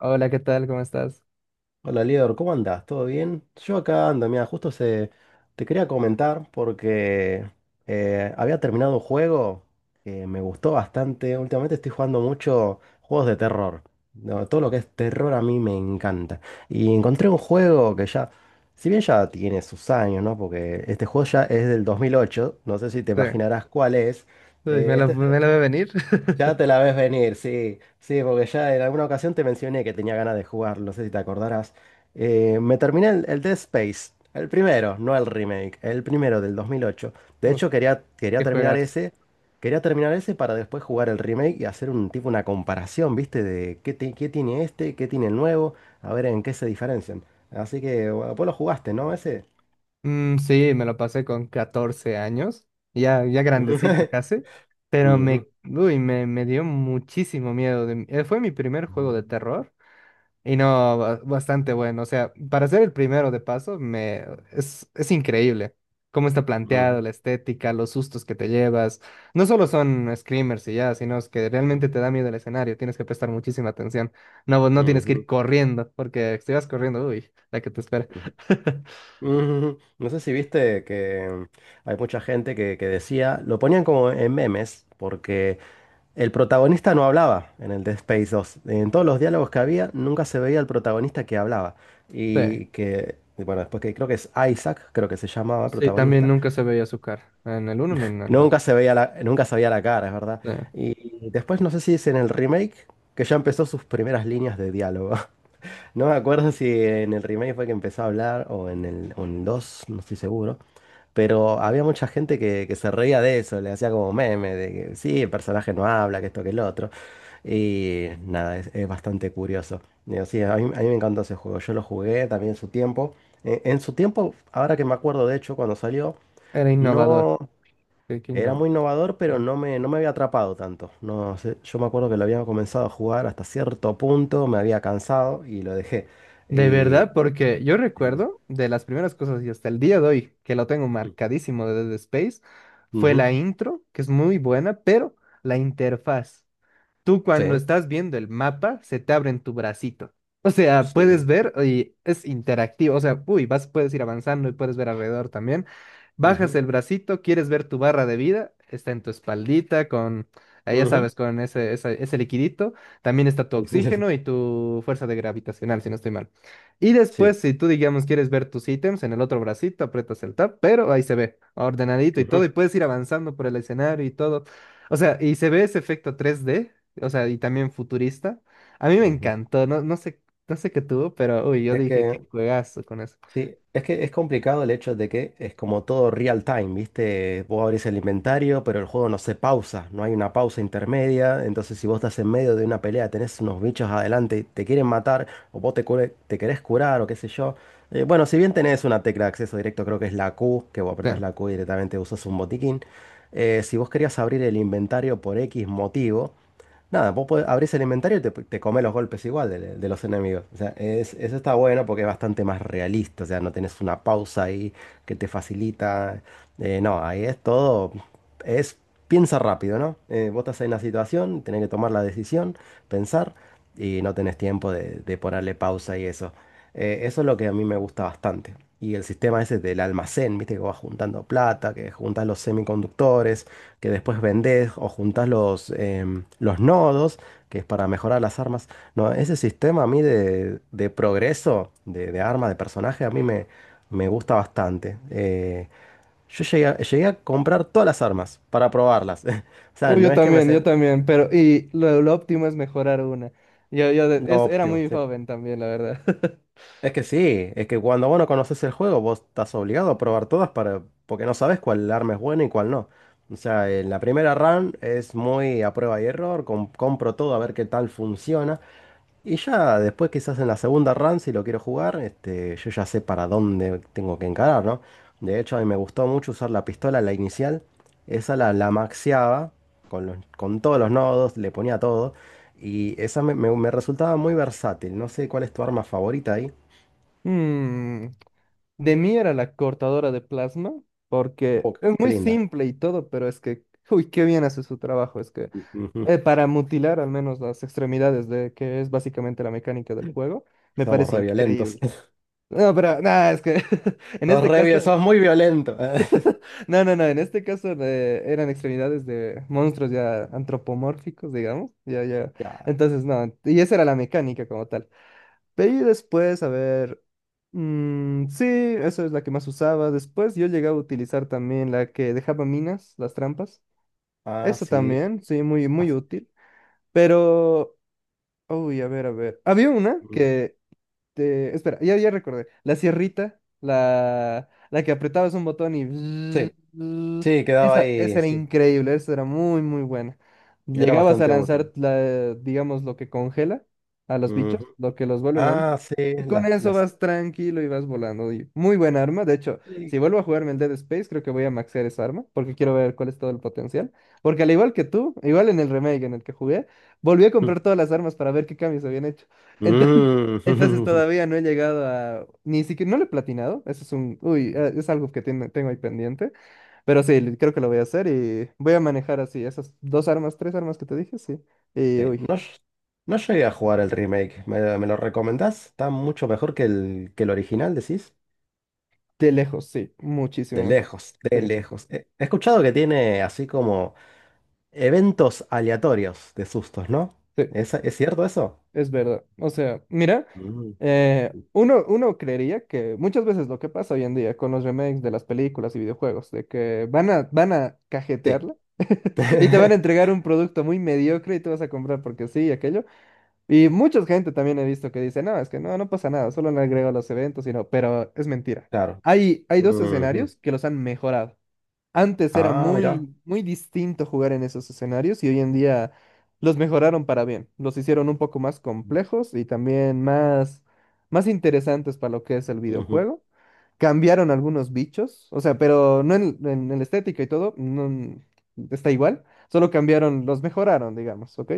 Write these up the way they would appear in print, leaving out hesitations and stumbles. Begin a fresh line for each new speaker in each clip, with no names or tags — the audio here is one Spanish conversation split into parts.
Hola, ¿qué tal? ¿Cómo estás?
Hola, Lior, ¿cómo andás? ¿Todo bien? Yo acá ando, mira, justo te quería comentar porque había terminado un juego que me gustó bastante. Últimamente estoy jugando mucho juegos de terror. No, todo lo que es terror a mí me encanta. Y encontré un juego que ya, si bien ya tiene sus años, ¿no? Porque este juego ya es del 2008, no sé si te
Sí,
imaginarás cuál es.
Uy, me
Eh,
la, me la ve venir.
ya te la ves venir, sí, sí, porque ya en alguna ocasión te mencioné que tenía ganas de jugar, no sé si te acordarás. Me terminé el Dead Space, el primero, no el remake, el primero del 2008. De
Uf.
hecho, quería, quería
Qué
terminar
juegas.
ese, quería terminar ese para después jugar el remake y hacer un tipo una comparación, ¿viste? Qué tiene este, qué tiene el nuevo, a ver en qué se diferencian. Así que, bueno, vos lo jugaste, ¿no? Ese.
Sí, me lo pasé con 14 años, ya grandecito casi, pero me,
Ujú,
uy, me, me dio muchísimo miedo. Fue mi primer juego de terror. Y no, bastante bueno. O sea, para ser el primero de paso, me es increíble cómo está planteado,
ujú,
la estética, los sustos que te llevas. No solo son screamers y ya, sino es que
ujú,
realmente te da miedo el escenario. Tienes que prestar muchísima atención. No, vos no tienes que ir
ujú,
corriendo, porque si vas corriendo, uy, la que te espera.
ujú. Ujú. No sé si viste que hay mucha gente que decía, lo ponían como en memes, porque el protagonista no hablaba en el Dead Space 2. En todos los diálogos que había, nunca se veía el protagonista que hablaba.
Sí,
Y bueno, después que creo que es Isaac, creo que se llamaba el
sí, también
protagonista,
nunca se veía su cara, en el uno ni en el dos.
nunca se veía la cara, es verdad.
Sí,
Y después no sé si es en el remake que ya empezó sus primeras líneas de diálogo. No me acuerdo si en el remake fue que empezó a hablar o en el 2, no estoy seguro. Pero había mucha gente que se reía de eso, le hacía como meme, de que sí, el personaje no habla, que esto, que el otro. Y nada, es bastante curioso. Digo, sí, a mí, me encantó ese juego, yo lo jugué también en su tiempo. En su tiempo, ahora que me acuerdo, de hecho, cuando salió,
era innovador.
no
Qué
era
innovador.
muy innovador, pero no me había atrapado tanto. No sé, yo me acuerdo que lo había comenzado a jugar hasta cierto punto, me había cansado y lo dejé.
De
Y,
verdad, porque yo
y-
recuerdo de las primeras cosas y hasta el día de hoy que lo tengo marcadísimo de Dead Space fue
Ujú.
la intro, que es muy buena, pero la interfaz, tú
Sí,
cuando estás viendo el mapa, se te abre en tu bracito. O sea, puedes
sí.
ver y es interactivo. O sea, uy, vas, puedes ir avanzando y puedes ver alrededor también. Bajas
Ujú,
el bracito, quieres ver tu barra de vida, está en tu espaldita con, ya
ujú.
sabes, con ese liquidito. También está tu oxígeno y tu fuerza de gravitacional, si no estoy mal. Y
Sí.
después, si tú, digamos, quieres ver tus ítems en el otro bracito, aprietas el tab, pero ahí se ve ordenadito y todo, y
Ujú,
puedes ir avanzando por el escenario y todo. O sea, y se ve ese efecto 3D, o sea, y también futurista. A mí me
ujú.
encantó, no, no sé, no sé qué tuvo, pero uy, yo
Es
dije,
que,
qué juegazo con eso.
sí, es que es complicado el hecho de que es como todo real time, ¿viste? Vos abrís el inventario, pero el juego no se pausa, no hay una pausa intermedia. Entonces, si vos estás en medio de una pelea, tenés unos bichos adelante y te quieren matar, o vos te querés curar, o qué sé yo. Bueno, si bien tenés una tecla de acceso directo, creo que es la Q, que vos
Sí.
apretás la Q y directamente usas un botiquín. Si vos querías abrir el inventario por X motivo. Nada, vos abrís el inventario y te comés los golpes igual de los enemigos. O sea, eso está bueno porque es bastante más realista. O sea, no tenés una pausa ahí que te facilita. No, ahí es todo. Es piensa rápido, ¿no? Vos estás en una situación, tenés que tomar la decisión, pensar y no tenés tiempo de ponerle pausa y eso. Eso es lo que a mí me gusta bastante. Y el sistema ese del almacén, viste, que vas juntando plata, que juntas los semiconductores, que después vendés o juntas los nodos, que es para mejorar las armas. No, ese sistema a mí de progreso, de arma, de personaje, a mí me gusta bastante. Yo llegué a comprar todas las armas para probarlas. O sea,
Uy,
no
yo
es que me...
también, yo
sen-
también, pero y lo óptimo es mejorar una. Yo,
Lo
era
óptimo,
muy
sí.
joven también, la verdad.
Es que sí, es que cuando vos no conoces el juego, vos estás obligado a probar todas para, porque no sabes cuál arma es buena y cuál no. O sea, en la primera run es muy a prueba y error, compro todo a ver qué tal funciona. Y ya después quizás en la segunda run, si lo quiero jugar, este, yo ya sé para dónde tengo que encarar, ¿no? De hecho, a mí me gustó mucho usar la pistola, la inicial. Esa la maxeaba con todos los nodos, le ponía todo. Y esa me resultaba muy versátil. No sé cuál es tu arma favorita ahí.
Mm, de mí era la cortadora de plasma, porque
Uh,
es
Qué
muy
linda.
simple y todo, pero es que, uy, qué bien hace su trabajo. Es que
Ujú.
para mutilar al menos las extremidades, de que es básicamente la mecánica del juego, me
Somos
parece
re violentos.
increíble. No, pero nada, es que en
Sos
este
re
caso,
vi- sos muy violento.
no, no, no, en este caso eran extremidades de monstruos ya antropomórficos, digamos, ya, ya.
Ya.
Entonces, no, y esa era la mecánica como tal. De ahí después, a ver, mm, sí, eso es la que más usaba. Después yo llegaba a utilizar también la que dejaba minas, las trampas.
Ah,
Eso
sí.
también, sí, muy,
Ah,
muy
sí.
útil. Pero, uy, a ver, a ver. Había una
Mm.
que espera, ya, ya recordé. La sierrita, la que apretabas un botón y... bzz,
Sí,
bzz.
sí, quedaba
Esa
ahí.
era
Sí.
increíble, esa era muy, muy buena.
Era
Llegabas a
bastante útil.
lanzar la, digamos, lo que congela a los bichos,
Ujú.
lo que los vuelve lento.
Ah, sí.
Y con
Las,
eso
las.
vas tranquilo y vas volando. Y muy buena arma. De hecho, si
Sí.
vuelvo a jugarme el Dead Space, creo que voy a maxear esa arma, porque quiero ver cuál es todo el potencial. Porque al igual que tú, igual en el remake en el que jugué, volví a
Mm.
comprar todas las armas para ver qué cambios habían hecho. Entonces
Mm.
todavía no he llegado a... Ni siquiera... No lo he platinado. Eso es un... Uy, es algo que tengo ahí pendiente. Pero sí, creo que lo voy a hacer y voy a manejar así esas dos armas, tres armas que te dije, sí. Y
Sí. No,
uy,
no llegué a jugar el remake. ¿Me lo recomendás? Está mucho mejor que el original, decís.
de lejos, sí. Muchísimo
De
mejor.
lejos,
Sí,
de lejos. He escuchado que tiene así como. Eventos aleatorios de sustos, ¿no?
sí,
¿Es cierto eso?
es verdad. O sea, mira,
Mm.
uno, uno creería que muchas veces lo que pasa hoy en día con los remakes de las películas y videojuegos, de que van a, van a
Sí.
cajetearla. Y te van a entregar un producto muy mediocre y tú vas a comprar porque sí y aquello. Y mucha gente también he visto que dice, no, es que no, no pasa nada, solo le agrego los eventos y no, pero es mentira.
Claro.
Hay dos
Ujú.
escenarios que los han mejorado. Antes era
Ah, mira.
muy, muy distinto jugar en esos escenarios y hoy en día los mejoraron para bien. Los hicieron un poco más complejos y también más, más interesantes para lo que es el
Ujú.
videojuego. Cambiaron algunos bichos, o sea, pero no en la estética y todo, no, está igual. Solo cambiaron, los mejoraron, digamos, ¿ok?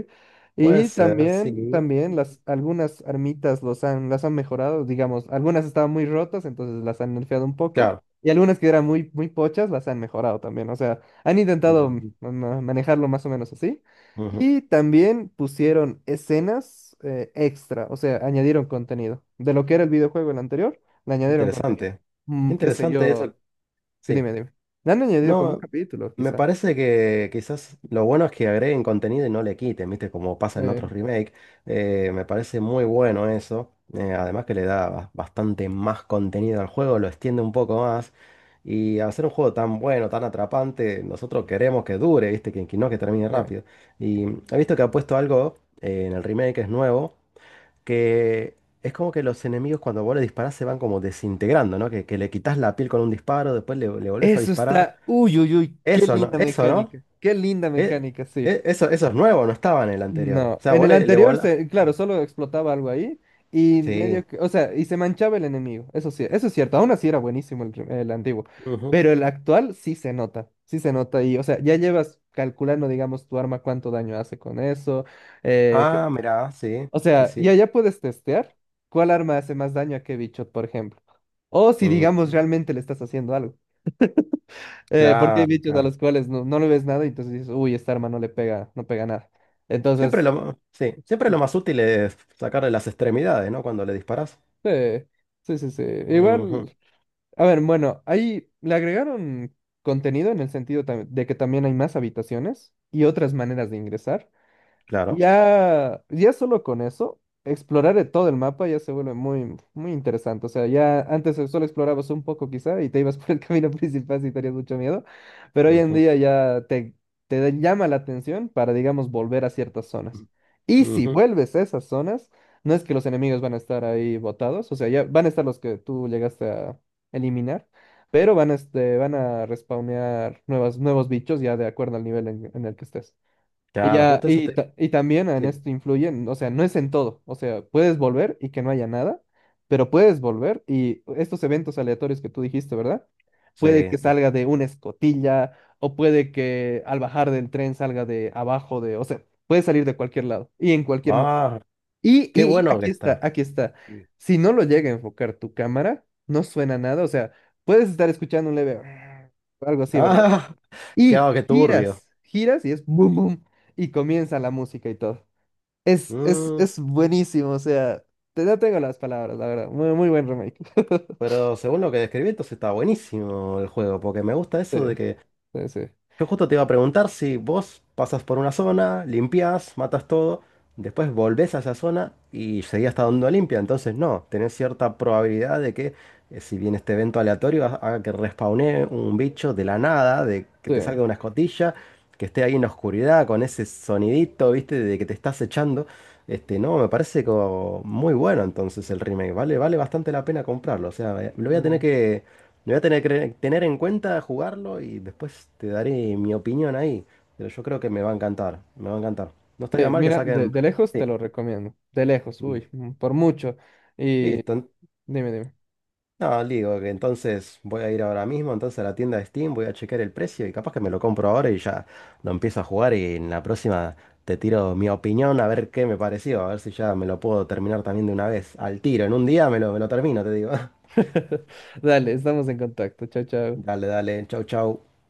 Puede
Y
ser, sí.
también, también las, algunas armitas los han, las han mejorado, digamos, algunas estaban muy rotas, entonces las han nerfeado un poco.
Claro.
Y algunas que eran muy, muy pochas las han mejorado también. O sea, han intentado mm,
Ujú.
manejarlo más o menos así.
Ujú.
Y también pusieron escenas extra. O sea, añadieron contenido. De lo que era el videojuego el anterior, le añadieron contenido.
Interesante.
Mm, qué sé
Interesante
yo.
eso.
Tú
Sí.
Dime, dime. Le han añadido como un
No,
capítulo,
me
quizá.
parece que quizás lo bueno es que agreguen contenido y no le quiten, ¿viste? Como
Sí,
pasa en otros remakes. Me parece muy bueno eso. Además que le da bastante más contenido al juego, lo extiende un poco más. Y al ser un juego tan bueno, tan atrapante, nosotros queremos que dure, ¿viste? Que no que termine
sí.
rápido. Y he visto que ha puesto algo en el remake, que es nuevo, que es como que los enemigos cuando vos le disparás se van como desintegrando, ¿no? Que le quitas la piel con un disparo, después le volvés a
Eso
disparar.
está. Uy, uy, uy. Qué
Eso no,
linda
eso no.
mecánica. Qué linda
Eh,
mecánica, sí.
eso es nuevo, no estaba en el anterior. O
No,
sea,
en
vos
el anterior, se, claro, solo explotaba algo ahí y
Sí.
medio que, o sea, y se manchaba el enemigo, eso sí, eso es cierto, aún así era buenísimo el, el antiguo,
Ujú.
pero el actual sí se nota y, o sea, ya llevas calculando, digamos, tu arma cuánto daño hace con eso, eh, que-
Ah, mirá, sí,
o
sí,
sea,
sí.
ya puedes testear cuál arma hace más daño a qué bicho, por ejemplo, o si, digamos,
Ujú.
realmente le estás haciendo algo, porque hay
Claro,
bichos a
claro.
los cuales no, no le ves nada y entonces dices, uy, esta arma no le pega, no pega nada. Entonces,
Sí, siempre lo más útil es sacarle las extremidades, ¿no? Cuando le disparas.
sí, sí.
Ujú.
Igual, a ver, bueno, ahí le agregaron contenido en el sentido de que también hay más habitaciones y otras maneras de ingresar.
Claro.
Ya, ya solo con eso, explorar de todo el mapa ya se vuelve muy, muy interesante. O sea, ya antes solo explorabas un poco quizá y te ibas por el camino principal si tenías mucho miedo, pero hoy en
Ujú,
día ya te llama la atención para, digamos, volver a ciertas zonas. Y si
ujú.
vuelves a esas zonas, no es que los enemigos van a estar ahí botados, o sea, ya van a estar los que tú llegaste a eliminar, pero van a, van a respawnear nuevas, nuevos bichos ya de acuerdo al nivel en el que estés. Y
Claro,
ya,
justo eso te.
y también en
Sí,
esto influyen, o sea, no es en todo, o sea, puedes volver y que no haya nada, pero puedes volver y estos eventos aleatorios que tú dijiste, ¿verdad? Puede
sí,
que
sí.
salga de una escotilla o puede que al bajar del tren salga de abajo de, o sea, puede salir de cualquier lado y en cualquier momento.
Ah,
Y,
qué
y
bueno que
aquí está,
está.
aquí está.
Sí.
Si no lo llega a enfocar tu cámara, no suena nada, o sea, puedes estar escuchando un leve algo así, ¿verdad?
Ah, qué,
Y
ah, qué turbio.
giras, giras y es boom, boom. Y comienza la música y todo. Es, es,
Mm,
es buenísimo, o sea, te, no tengo las palabras, la verdad. Muy, muy buen remake.
Pero según lo que describí, entonces está buenísimo el juego, porque me gusta
Sí,
eso de que
sí, sí,
yo justo te iba a preguntar si vos pasas por una zona, limpias, matas todo, después volvés a esa zona y seguías estando donde limpia. Entonces, no, tenés cierta probabilidad de que si viene este evento aleatorio, haga que respawnee un bicho de la nada, de que te
sí.
salga una escotilla, que esté ahí en la oscuridad con ese sonidito, ¿viste? De que te estás echando. Este, no, me parece como muy bueno entonces el remake. Vale, vale bastante la pena comprarlo. O sea, lo voy a tener
Mm,
lo voy a tener que tener en cuenta, jugarlo y después te daré mi opinión ahí. Pero yo creo que me va a encantar, me va a encantar. No estaría
sí,
mal que
mira,
saquen...
de lejos te
Sí,
lo recomiendo. De lejos,
y
uy, mm, por mucho. Y
listo.
dime, dime.
No, digo que entonces voy a ir ahora mismo, entonces a la tienda de Steam, voy a chequear el precio y capaz que me lo compro ahora y ya lo empiezo a jugar y en la próxima te tiro mi opinión a ver qué me pareció, a ver si ya me lo puedo terminar también de una vez, al tiro, en un día me lo termino, te digo.
Dale, estamos en contacto. Chao, chao.
Dale, dale, chau, chau.